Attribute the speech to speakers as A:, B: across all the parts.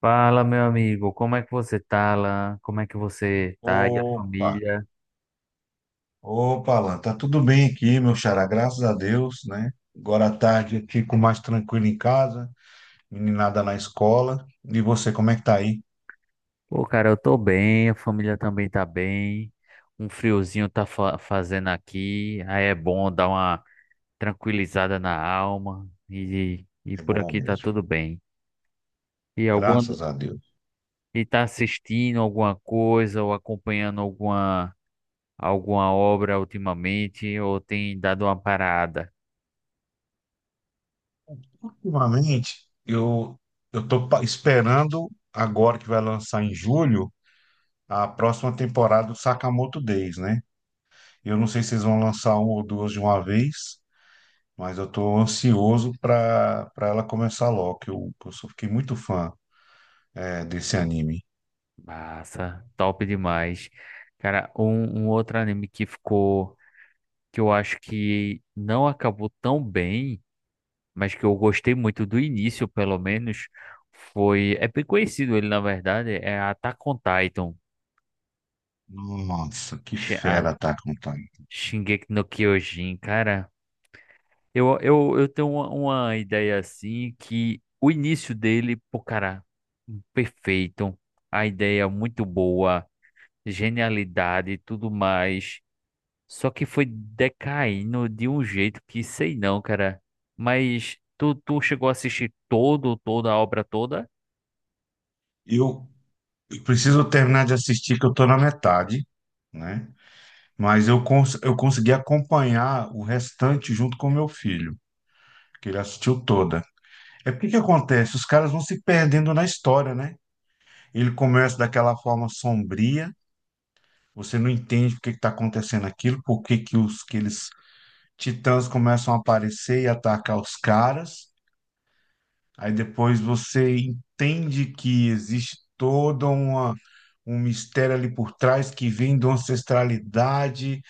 A: Fala, meu amigo, como é que você tá, Alan? Como é que você tá e a
B: Opa,
A: família?
B: opa, Alan, tá tudo bem aqui, meu xará, graças a Deus, né? Agora à tarde eu fico mais tranquilo em casa, meninada na escola. E você, como é que tá aí?
A: Pô, cara, eu tô bem, a família também tá bem. Um friozinho tá fazendo aqui, aí é bom dar uma tranquilizada na alma e
B: É
A: por
B: bom
A: aqui tá
B: mesmo,
A: tudo bem. E alguma
B: graças a Deus.
A: e tá assistindo alguma coisa ou acompanhando alguma obra ultimamente ou tem dado uma parada?
B: Ultimamente, eu tô esperando agora que vai lançar em julho a próxima temporada do Sakamoto Days, né? Eu não sei se vocês vão lançar uma ou duas de uma vez, mas eu tô ansioso para ela começar logo, fiquei muito fã desse anime.
A: Massa, top demais. Cara, um outro anime que eu acho que não acabou tão bem, mas que eu gostei muito do início, pelo menos, foi. É bem conhecido ele, na verdade, é Attack on Titan,
B: Nossa, que
A: Shi- a
B: fera tá on Titan.
A: Shingeki no Kyojin, cara. Eu tenho uma ideia assim que o início dele, pô, cara, perfeito, a ideia muito boa, genialidade e tudo mais. Só que foi decaindo de um jeito que sei não, cara. Mas tu chegou a assistir toda a obra toda?
B: Eu preciso terminar de assistir, que eu tô na metade, né? Mas eu consegui acompanhar o restante junto com meu filho, que ele assistiu toda. É porque que acontece? Os caras vão se perdendo na história, né? Ele começa daquela forma sombria, você não entende por que está acontecendo aquilo, por que que eles titãs começam a aparecer e atacar os caras. Aí depois você entende que existe toda uma um mistério ali por trás que vem de uma ancestralidade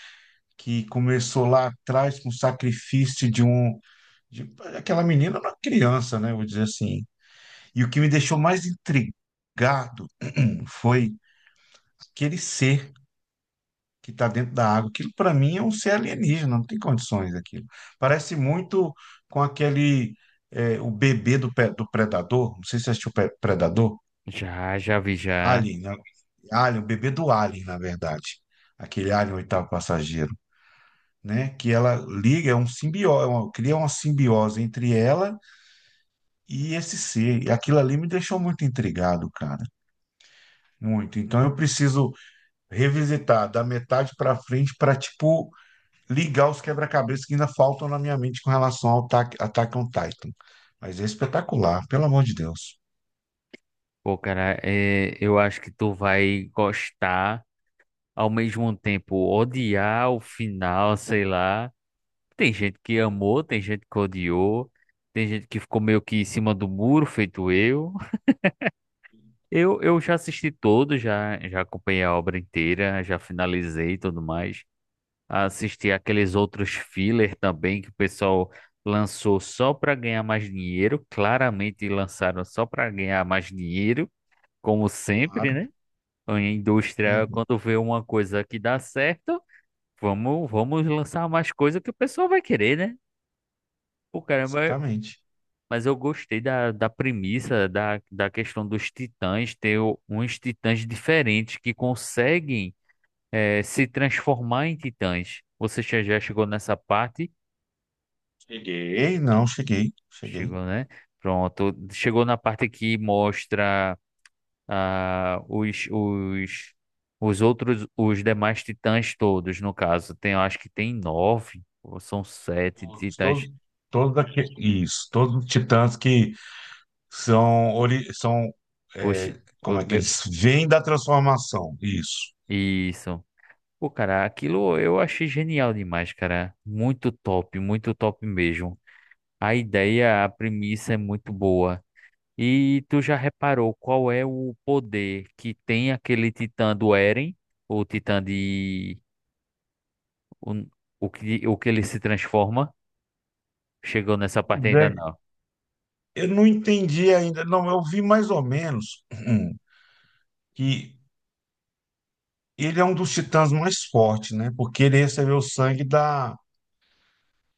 B: que começou lá atrás com o sacrifício de aquela menina era uma criança, né? Vou dizer assim. E o que me deixou mais intrigado foi aquele ser que está dentro da água. Aquilo para mim é um ser alienígena, não tem condições aquilo. Parece muito com aquele o bebê do Predador. Não sei se você assistiu o Predador.
A: Já, já vi já.
B: Alien, né? Alien, o bebê do Alien, na verdade. Aquele Alien, o oitavo passageiro, né? Que ela liga, é um simbiose, cria uma simbiose entre ela e esse ser. E aquilo ali me deixou muito intrigado, cara. Muito. Então eu preciso revisitar da metade para frente para tipo, ligar os quebra-cabeças que ainda faltam na minha mente com relação ao Attack on Titan. Mas é espetacular, pelo amor de Deus.
A: Pô, cara, é, eu acho que tu vai gostar, ao mesmo tempo odiar o final, sei lá. Tem gente que amou, tem gente que odiou, tem gente que ficou meio que em cima do muro, feito eu. Eu já assisti todo, já acompanhei a obra inteira, já finalizei e tudo mais. Assisti aqueles outros filler também que o pessoal lançou só para ganhar mais dinheiro. Claramente lançaram só para ganhar mais dinheiro, como sempre,
B: Claro.
A: né? A indústria,
B: Uhum.
A: quando vê uma coisa que dá certo, vamos lançar mais coisa que o pessoal vai querer, né? Pô, caramba,
B: Exatamente.
A: mas eu gostei da premissa, da questão dos titãs, ter uns titãs diferentes que conseguem se transformar em titãs. Você já chegou nessa parte?
B: Cheguei, não, cheguei, cheguei.
A: Chegou, né? Pronto. Chegou na parte que mostra ah, os outros, os demais titãs todos, no caso. Tem, eu acho que tem nove, ou são sete
B: Todos,
A: titãs.
B: todos, todos aqui, isso, todos os titãs que são
A: Oxi, o
B: como é que
A: meu-
B: eles vêm da transformação, isso.
A: Isso. Pô, cara, aquilo eu achei genial demais, cara. Muito top mesmo. A ideia, a premissa é muito boa. E tu já reparou qual é o poder que tem aquele titã do Eren? O titã de O, o que, O que ele se transforma. Chegou nessa parte
B: Zé,
A: ainda não.
B: eu não entendi ainda, não, eu vi mais ou menos que ele é um dos titãs mais fortes, né? Porque ele recebeu o sangue da,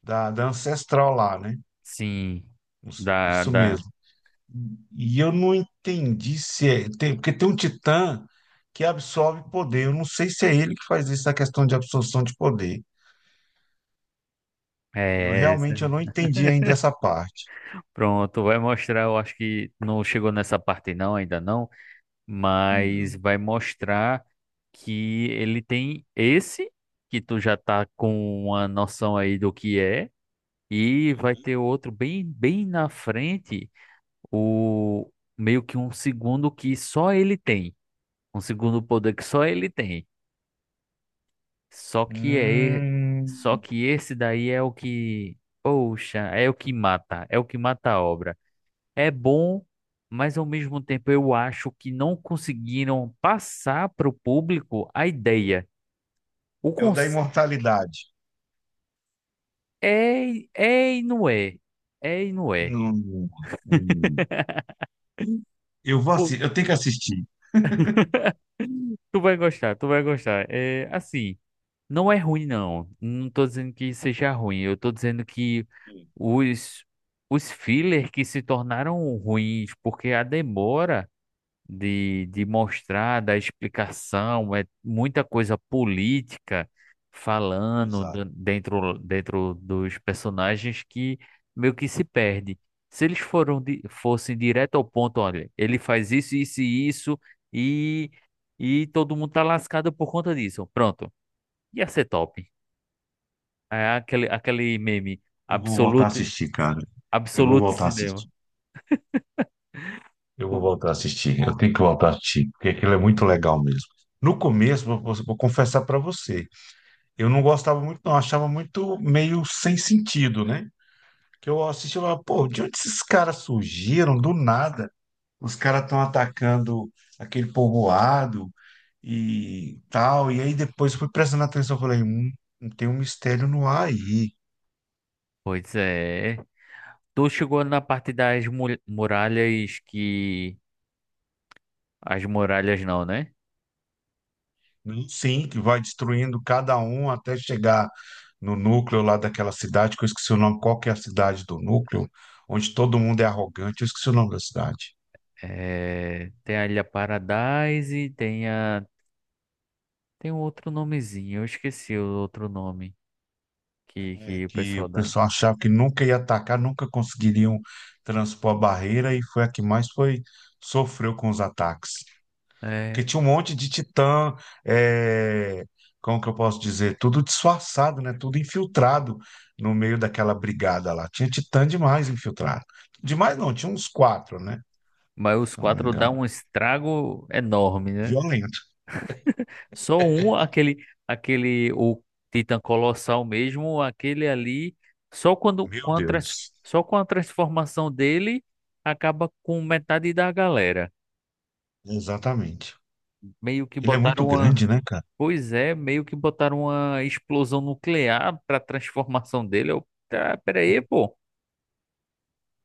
B: da, da ancestral lá, né?
A: Sim. Da,
B: Isso
A: da,
B: mesmo. E eu não entendi se é, tem, porque tem um titã que absorve poder, eu não sei se é ele que faz isso, a questão de absorção de poder.
A: é essa.
B: Eu não entendi ainda essa parte.
A: Pronto, vai mostrar. Eu acho que não chegou nessa parte não, ainda não. Mas vai mostrar que ele tem esse, que tu já tá com uma noção aí do que é. E vai ter outro bem, bem na frente, o meio que um segundo que só ele tem. Um segundo poder que só ele tem. Só que é, e- Só
B: Hum,
A: que esse daí é o que, poxa, é o que mata, é o que mata a obra. É bom, mas ao mesmo tempo eu acho que não conseguiram passar para o público a ideia. O
B: é o da
A: cons...
B: imortalidade.
A: É e não é, é e não é.
B: Não. Hum. Eu vou
A: Pô,
B: assistir, eu tenho que assistir.
A: tu vai gostar, tu vai gostar. É assim, não é ruim não. Não tô dizendo que seja ruim. Eu tô dizendo que
B: Sim.
A: os os filler que se tornaram ruins porque a demora de mostrar, da explicação, é muita coisa política falando
B: Exato.
A: dentro dos personagens que meio que se perde. Se eles fossem direto ao ponto, olha, ele faz isso, isso e isso, e, e todo mundo tá lascado por conta disso. Pronto, ia ser top. É aquele meme,
B: Eu vou voltar a
A: absolute,
B: assistir, cara. Eu vou
A: absolute
B: voltar a
A: cinema.
B: assistir. Eu vou
A: Pô,
B: voltar a assistir. Eu tenho que voltar a assistir, porque aquilo é muito legal mesmo. No começo, vou confessar pra você, eu não gostava muito, não. Achava muito meio sem sentido, né? Que eu assistia e falava, pô, de onde esses caras surgiram? Do nada. Os caras estão atacando aquele povoado e tal. E aí depois fui prestando atenção, falei, tem um mistério no ar aí.
A: pois é. Tu chegou na parte das muralhas que. As muralhas não, né?
B: Sim, que vai destruindo cada um até chegar no núcleo lá daquela cidade, que eu esqueci o nome, qual que é a cidade do núcleo, onde todo mundo é arrogante, eu esqueci o nome da cidade.
A: É, tem a Ilha Paradise, tem a. Tem um outro nomezinho, eu esqueci o outro nome
B: É,
A: que o
B: que o
A: pessoal dá.
B: pessoal achava que nunca ia atacar, nunca conseguiriam transpor a barreira, e foi a que mais foi sofreu com os ataques. Porque
A: É,
B: tinha um monte de titã, é, como que eu posso dizer? Tudo disfarçado, né? Tudo infiltrado no meio daquela brigada lá. Tinha titã demais infiltrado. Demais não, tinha uns quatro, né?
A: mas os
B: Se eu não me
A: quatro
B: engano.
A: dão um estrago enorme, né?
B: Violento.
A: Só um, o Titã Colossal mesmo, aquele ali, só quando,
B: Meu
A: com a trans-
B: Deus.
A: só com a transformação dele, acaba com metade da galera.
B: Exatamente.
A: Meio que
B: Ele é muito
A: botaram uma.
B: grande, né, cara?
A: Pois é, meio que botaram uma explosão nuclear pra transformação dele. Eu, tá, pera aí, pô.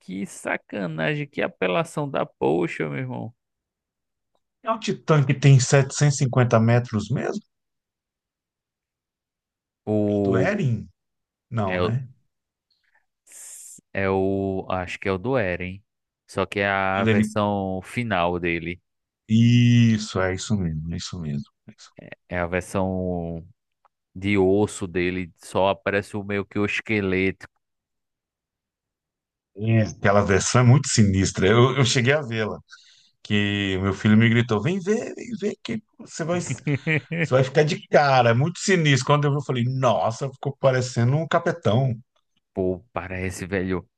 A: Que sacanagem, que apelação da poxa, meu irmão.
B: É um titã que tem 750 metros mesmo? Do
A: O.
B: Eren?
A: É
B: Não,
A: o.
B: né?
A: É o. Acho que é o do Eren. Só que é a
B: Quando ele...
A: versão final dele.
B: Isso, é isso mesmo, é isso mesmo. É isso.
A: É a versão de osso dele. Só aparece o meio que o esqueleto.
B: É, aquela versão é muito sinistra. Eu cheguei a vê-la. Que meu filho me gritou: vem ver, você vai ficar de cara, é muito sinistro. Quando eu vi, eu falei: nossa, ficou parecendo um capetão.
A: Pô, parece, velho.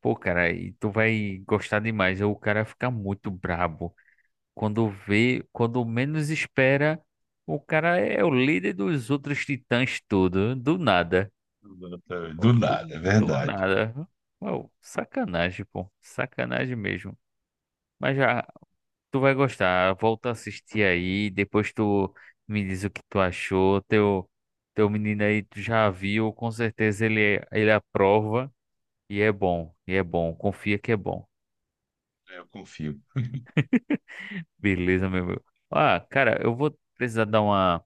A: Pô, cara, e tu vai gostar demais. O cara fica muito brabo. Quando vê, quando menos espera, o cara é o líder dos outros titãs tudo. Do nada. Pô,
B: Do
A: Do,
B: nada, é
A: do
B: verdade.
A: nada. Uau, sacanagem, pô. Sacanagem mesmo. Mas já, tu vai gostar. Volta a assistir aí. Depois tu me diz o que tu achou. Teu menino aí, tu já viu. Com certeza ele aprova. E é bom. E é bom. Confia que é bom.
B: Eu confio.
A: Beleza, meu amigo. Ah, cara, eu vou precisar dar uma,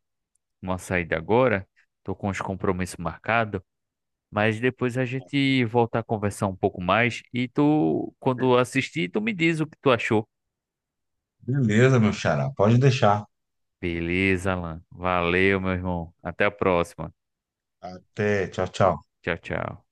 A: uma saída agora. Tô com os compromissos marcados. Mas depois a gente volta a conversar um pouco mais. E tu, quando assistir, tu me diz o que tu achou.
B: Beleza, meu xará, pode deixar.
A: Beleza, Alan. Valeu, meu irmão. Até a próxima.
B: Até, tchau, tchau.
A: Tchau, tchau.